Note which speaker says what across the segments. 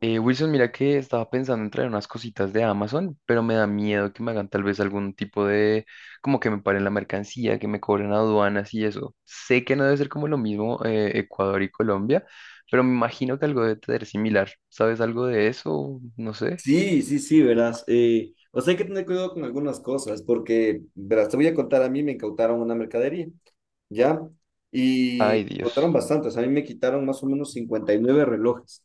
Speaker 1: Wilson, mira que estaba pensando en traer unas cositas de Amazon, pero me da miedo que me hagan tal vez algún tipo de, como que me paren la mercancía, que me cobren aduanas y eso. Sé que no debe ser como lo mismo Ecuador y Colombia, pero me imagino que algo debe ser similar. ¿Sabes algo de eso? No sé.
Speaker 2: Sí, sí, sí, verás. O sea, hay que tener cuidado con algunas cosas, porque, verás, te voy a contar, a mí me incautaron una mercadería, ¿ya? Y
Speaker 1: Ay,
Speaker 2: incautaron
Speaker 1: Dios.
Speaker 2: bastantes, a mí me quitaron más o menos 59 relojes.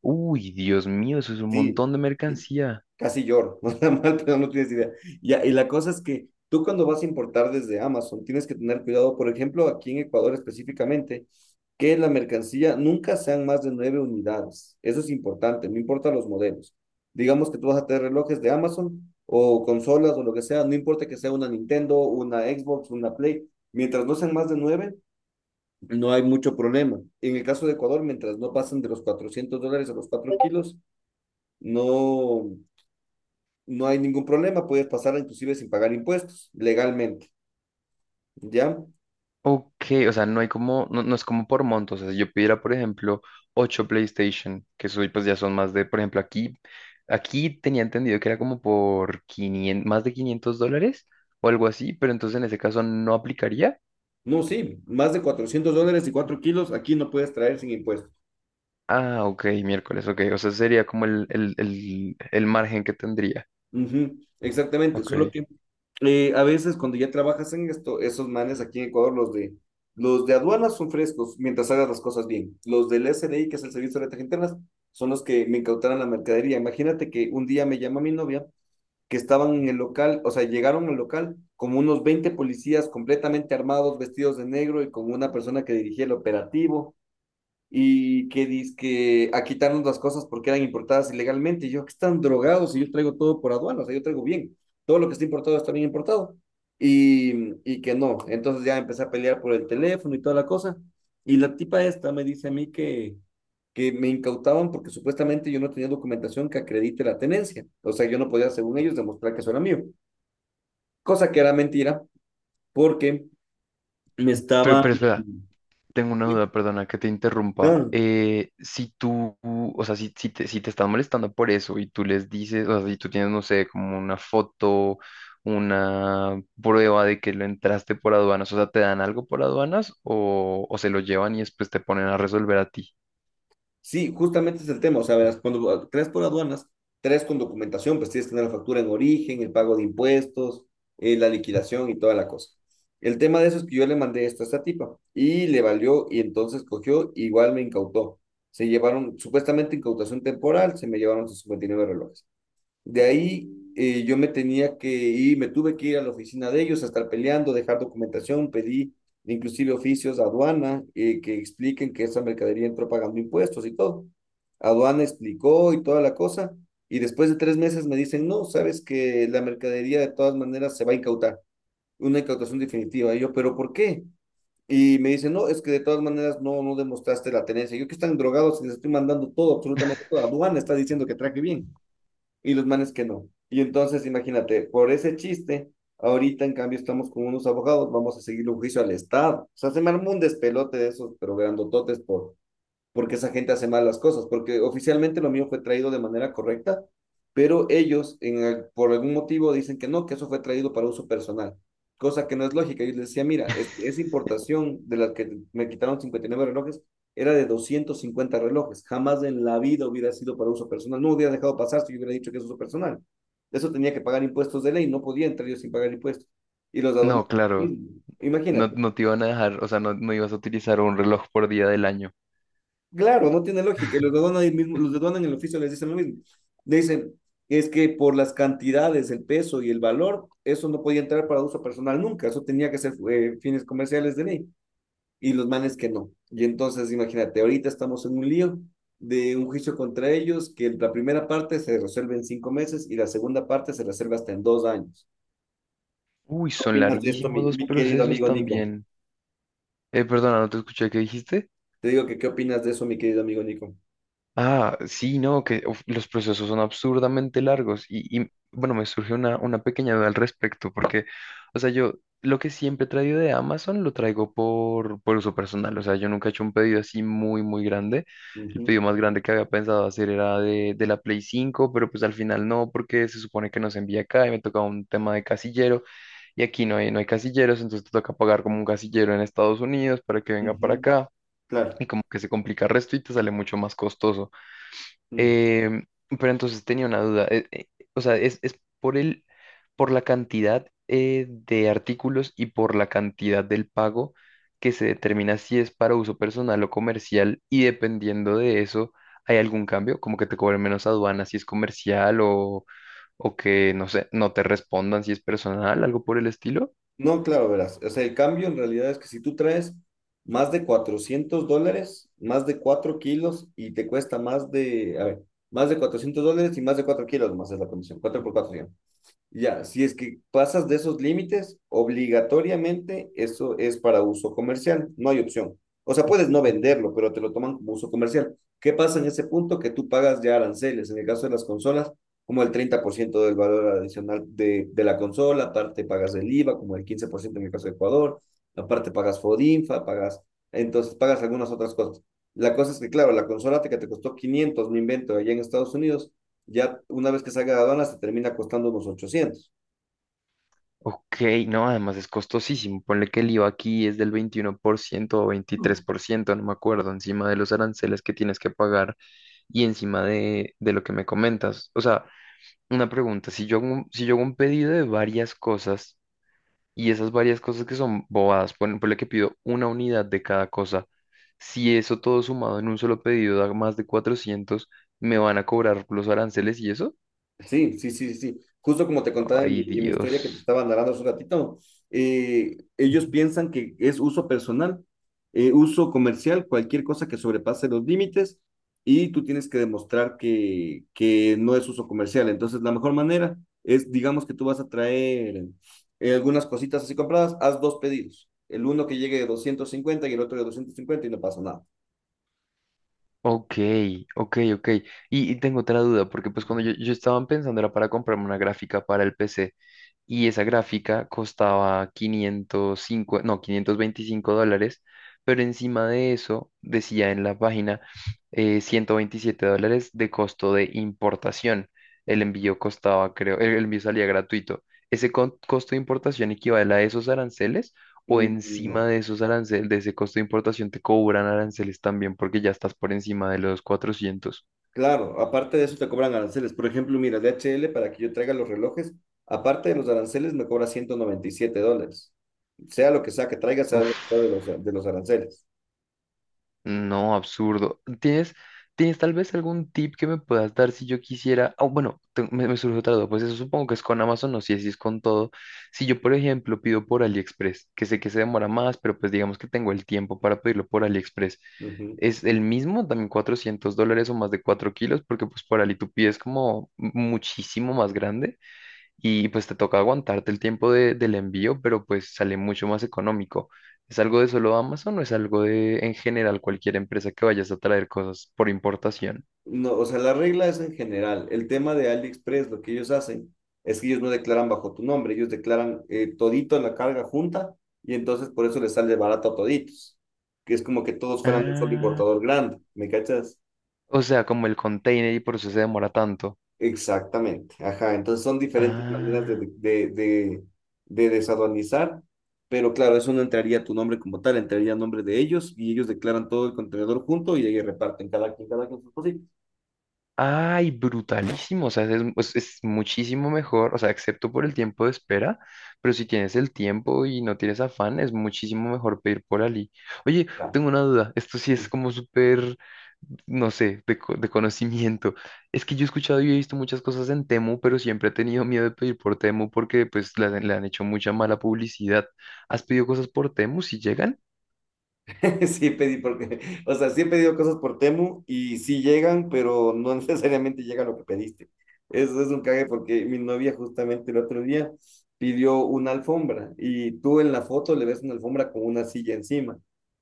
Speaker 1: Uy, Dios mío, eso es un
Speaker 2: Sí,
Speaker 1: montón de
Speaker 2: sí,
Speaker 1: mercancía.
Speaker 2: casi lloro, o sea, mal, pero no tienes idea. Ya, y la cosa es que tú cuando vas a importar desde Amazon tienes que tener cuidado, por ejemplo, aquí en Ecuador específicamente, que la mercancía nunca sean más de nueve unidades. Eso es importante, no importa los modelos. Digamos que tú vas a tener relojes de Amazon o consolas o lo que sea, no importa que sea una Nintendo, una Xbox, una Play, mientras no sean más de nueve, no hay mucho problema. En el caso de Ecuador, mientras no pasen de los $400 a los 4 kilos, no, no hay ningún problema, puedes pasarla inclusive sin pagar impuestos, legalmente, ¿ya?
Speaker 1: Ok, o sea, no hay como, no, no es como por montos. O sea, si yo pidiera, por ejemplo, 8 PlayStation, que soy, pues ya son más de, por ejemplo, aquí, aquí tenía entendido que era como por 500, más de 500 dólares o algo así, pero entonces en ese caso no aplicaría.
Speaker 2: No, sí, más de $400 y 4 kilos aquí no puedes traer sin impuestos.
Speaker 1: Ah, ok, miércoles, ok. O sea, sería como el margen que tendría.
Speaker 2: Ujú, exactamente,
Speaker 1: Ok.
Speaker 2: solo que a veces cuando ya trabajas en esto, esos manes aquí en Ecuador, los de aduanas son frescos mientras hagas las cosas bien. Los del S SDI, que es el Servicio de Rentas Internas, son los que me incautaron la mercadería. Imagínate que un día me llama mi novia que estaban en el local, o sea, llegaron al local como unos 20 policías completamente armados, vestidos de negro y con una persona que dirigía el operativo y que dizque a quitarnos las cosas porque eran importadas ilegalmente. Y yo, que están drogados y yo traigo todo por aduana, o sea, yo traigo bien. Todo lo que está importado está bien importado. Y que no. Entonces ya empecé a pelear por el teléfono y toda la cosa. Y la tipa esta me dice a mí que me incautaban porque supuestamente yo no tenía documentación que acredite la tenencia. O sea, yo no podía, según ellos, demostrar que eso era mío. Cosa que era mentira porque me
Speaker 1: Pero,
Speaker 2: estaba...
Speaker 1: pero espera, tengo una duda, perdona que te interrumpa.
Speaker 2: Ah,
Speaker 1: Si tú, o sea, si, si te están molestando por eso y tú les dices, o sea, si tú tienes, no sé, como una foto, una prueba de que lo entraste por aduanas, o sea, ¿te dan algo por aduanas o se lo llevan y después te ponen a resolver a ti?
Speaker 2: sí, justamente es el tema. O sea, verás, cuando crees por aduanas, tres con documentación, pues tienes que tener la factura en origen, el pago de impuestos, la liquidación y toda la cosa. El tema de eso es que yo le mandé esto a esta tipa y le valió y entonces cogió, igual me incautó. Se llevaron, supuestamente incautación temporal, se me llevaron sus 59 relojes. De ahí yo me tenía que ir, me tuve que ir a la oficina de ellos a estar peleando, dejar documentación, pedí inclusive oficios a aduana que expliquen que esa mercadería entró pagando impuestos y todo. Aduana explicó y toda la cosa, y después de 3 meses me dicen, no, sabes que la mercadería de todas maneras se va a incautar, una incautación definitiva. Y yo, ¿pero por qué? Y me dicen, no, es que de todas maneras no, no demostraste la tenencia. Yo que están drogados y les estoy mandando todo, absolutamente todo. Aduana está diciendo que traje bien y los manes que no. Y entonces, imagínate, por ese chiste, ahorita en cambio estamos con unos abogados, vamos a seguir un juicio al Estado. O sea, se me armó un despelote de esos, pero grandototes porque esa gente hace mal las cosas, porque oficialmente lo mío fue traído de manera correcta, pero ellos por algún motivo dicen que no, que eso fue traído para uso personal, cosa que no es lógica. Yo les decía, mira, esa importación de la que me quitaron 59 relojes era de 250 relojes, jamás en la vida hubiera sido para uso personal, no hubiera dejado pasar si yo hubiera dicho que es uso personal. Eso tenía que pagar impuestos de ley, no podía entrar yo sin pagar impuestos. Y los aduaneros,
Speaker 1: No, claro,
Speaker 2: sí,
Speaker 1: no,
Speaker 2: imagínate.
Speaker 1: no te iban a dejar, o sea, no, no ibas a utilizar un reloj por día del año.
Speaker 2: Claro, no tiene lógica. Y los de aduana ahí mismo, los de aduana en el oficio les dicen lo mismo. Le dicen, es que por las cantidades, el peso y el valor, eso no podía entrar para uso personal nunca. Eso tenía que ser fines comerciales de ley. Y los manes que no. Y entonces, imagínate, ahorita estamos en un lío de un juicio contra ellos, que la primera parte se resuelve en 5 meses y la segunda parte se resuelve hasta en 2 años.
Speaker 1: Uy,
Speaker 2: ¿Qué
Speaker 1: son
Speaker 2: opinas de esto, mi,
Speaker 1: larguísimos los
Speaker 2: mi querido
Speaker 1: procesos
Speaker 2: amigo Nico?
Speaker 1: también. Perdona, no te escuché, ¿qué dijiste?
Speaker 2: Te digo que, ¿qué opinas de eso, mi querido amigo Nico?
Speaker 1: Ah, sí, no, que uf, los procesos son absurdamente largos y, bueno, me surgió una pequeña duda al respecto porque, o sea, yo lo que siempre he traído de Amazon lo traigo por uso personal, o sea, yo nunca he hecho un pedido así muy, muy grande. El
Speaker 2: Ujú,
Speaker 1: pedido más grande que había pensado hacer era de la Play 5, pero pues al final no, porque se supone que no se envía acá y me tocaba un tema de casillero y aquí no hay, no hay casilleros, entonces te toca pagar como un casillero en Estados Unidos para que venga para
Speaker 2: ujú,
Speaker 1: acá.
Speaker 2: claro.
Speaker 1: Y como que se complica el resto y te sale mucho más costoso. Em, pero entonces tenía una duda. O sea, es por el, por la cantidad de artículos y por la cantidad del pago que se determina si es para uso personal o comercial. Y dependiendo de eso, ¿hay algún cambio? Como que te cobren menos aduana si es comercial o que, no sé, no te respondan si es personal, algo por el estilo.
Speaker 2: No, claro, verás. O sea, el cambio en realidad es que si tú traes más de $400, más de 4 kilos y te cuesta más de, a ver, más de $400 y más de 4 kilos más es la comisión, 4 por 4. Ya, si es que pasas de esos límites, obligatoriamente eso es para uso comercial, no hay opción. O sea, puedes no venderlo, pero te lo toman como uso comercial. ¿Qué pasa en ese punto? Que tú pagas ya aranceles, en el caso de las consolas, como el 30% del valor adicional de la consola, aparte pagas el IVA, como el 15% en el caso de Ecuador, aparte pagas FODINFA, pagas, entonces pagas algunas otras cosas. La cosa es que, claro, la consola que te costó 500 me invento, allá en Estados Unidos ya una vez que salga de aduanas se termina costando unos 800.
Speaker 1: Ok, no, además es costosísimo. Ponle que el IVA aquí es del 21% o 23% no me acuerdo, encima de los aranceles que tienes que pagar y encima de lo que me comentas. O sea, una pregunta, si yo hago un, si yo hago un pedido de varias cosas y esas varias cosas que son bobadas, por lo que pido una unidad de cada cosa, si eso todo sumado en un solo pedido da más de 400, ¿me van a cobrar los aranceles y eso?
Speaker 2: Sí, sí, sí, sí. Justo como te contaba en
Speaker 1: Ay,
Speaker 2: mi historia que te
Speaker 1: Dios.
Speaker 2: estaba narrando hace un ratito, ellos piensan que es uso personal, uso comercial, cualquier cosa que sobrepase los límites y tú tienes que demostrar que no es uso comercial. Entonces, la mejor manera es, digamos que tú vas a traer algunas cositas así compradas, haz dos pedidos. El uno que llegue de 250 y el otro de 250 y no pasa nada.
Speaker 1: Ok, ok, ok. Y tengo otra duda, porque pues cuando yo estaba pensando era para comprarme una gráfica para el PC y esa gráfica costaba 505, no, 525 dólares, pero encima de eso decía en la página $127 de costo de importación. El envío costaba, creo, el envío salía gratuito. ¿Ese co- costo de importación equivale a esos aranceles o
Speaker 2: Mm,
Speaker 1: encima
Speaker 2: no.
Speaker 1: de esos aranceles, de ese costo de importación, te cobran aranceles también porque ya estás por encima de los cuatrocientos?
Speaker 2: Claro, aparte de eso te cobran aranceles. Por ejemplo, mira, DHL para que yo traiga los relojes, aparte de los aranceles me cobra 197 dólares. Sea lo que sea que traiga, sea
Speaker 1: Uf,
Speaker 2: lo que sea de los aranceles.
Speaker 1: no, absurdo. ¿Tienes, tienes tal vez algún tip que me puedas dar si yo quisiera? Ah, bueno, te- me surge otra duda. Pues eso supongo que es con Amazon, no sé si es con todo. Si yo, por ejemplo, pido por AliExpress, que sé que se demora más, pero pues digamos que tengo el tiempo para pedirlo por AliExpress.
Speaker 2: Ujú.
Speaker 1: Es el mismo, también 400 dólares o más de 4 kilos, porque pues por Ali tú pides como muchísimo más grande. Y pues te toca aguantarte el tiempo de- del envío, pero pues sale mucho más económico. ¿Es algo de solo Amazon o es algo de en general cualquier empresa que vayas a traer cosas por importación?
Speaker 2: No, o sea, la regla es en general. El tema de AliExpress, lo que ellos hacen es que ellos no declaran bajo tu nombre, ellos declaran todito la carga junta y entonces por eso les sale barato a toditos, que es como que todos fueran un solo
Speaker 1: Ah,
Speaker 2: importador grande, ¿me cachas?
Speaker 1: o sea, como el container y por eso se demora tanto.
Speaker 2: Exactamente, ajá. Entonces son diferentes maneras de,
Speaker 1: Ah.
Speaker 2: desaduanizar, pero claro, eso no entraría a tu nombre como tal, entraría a nombre de ellos y ellos declaran todo el contenedor junto y ahí reparten cada quien sus cositas.
Speaker 1: Ay, brutalísimo. O sea, es muchísimo mejor. O sea, excepto por el tiempo de espera. Pero si tienes el tiempo y no tienes afán, es muchísimo mejor pedir por Ali. Oye,
Speaker 2: Claro.
Speaker 1: tengo una duda. Esto sí es como súper, no sé, de, co- de conocimiento. Es que yo he escuchado y he visto muchas cosas en Temu, pero siempre he tenido miedo de pedir por Temu porque pues le han hecho mucha mala publicidad. ¿Has pedido cosas por Temu si llegan?
Speaker 2: Sí, pedí porque, o sea, sí he pedido cosas por Temu y sí llegan, pero no necesariamente llega lo que pediste. Eso es un cague porque mi novia justamente el otro día pidió una alfombra y tú en la foto le ves una alfombra con una silla encima,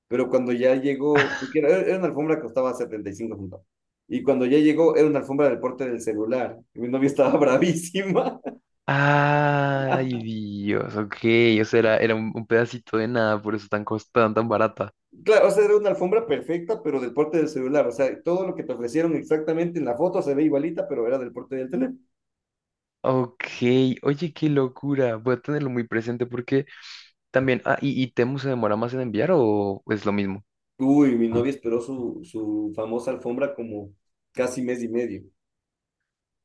Speaker 2: pero cuando ya llegó, porque era una alfombra que costaba 75 centavos, y cuando ya llegó era una alfombra del porte del celular. Y mi novia estaba bravísima.
Speaker 1: Ay, Dios, ok, o sea, era, era un pedacito de nada, por eso tan costada, tan barata.
Speaker 2: Claro, o sea, era una alfombra perfecta, pero del porte del celular. O sea, todo lo que te ofrecieron exactamente en la foto se ve igualita, pero era del porte del teléfono.
Speaker 1: Ok, oye, qué locura, voy a tenerlo muy presente porque también, ah, y Temu se demora más en enviar o es lo mismo?
Speaker 2: Uy, mi novia esperó su famosa alfombra como casi mes y medio.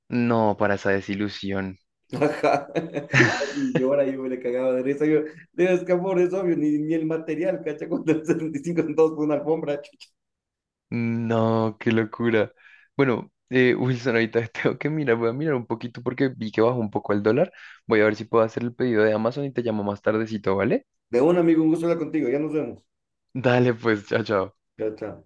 Speaker 1: No, para esa desilusión.
Speaker 2: Ajá. Casi llora, yo me le cagaba de risa. Yo, es que amor, es obvio, ni el material, cacha, con cuando y 5 centavos por una alfombra. Chucha.
Speaker 1: No, qué locura. Bueno, Wilson, ahorita tengo que mirar, voy a mirar un poquito porque vi que bajó un poco el dólar. Voy a ver si puedo hacer el pedido de Amazon y te llamo más tardecito, ¿vale?
Speaker 2: De un amigo, un gusto hablar contigo, ya nos vemos.
Speaker 1: Dale, pues, chao, chao.
Speaker 2: Chao, chao.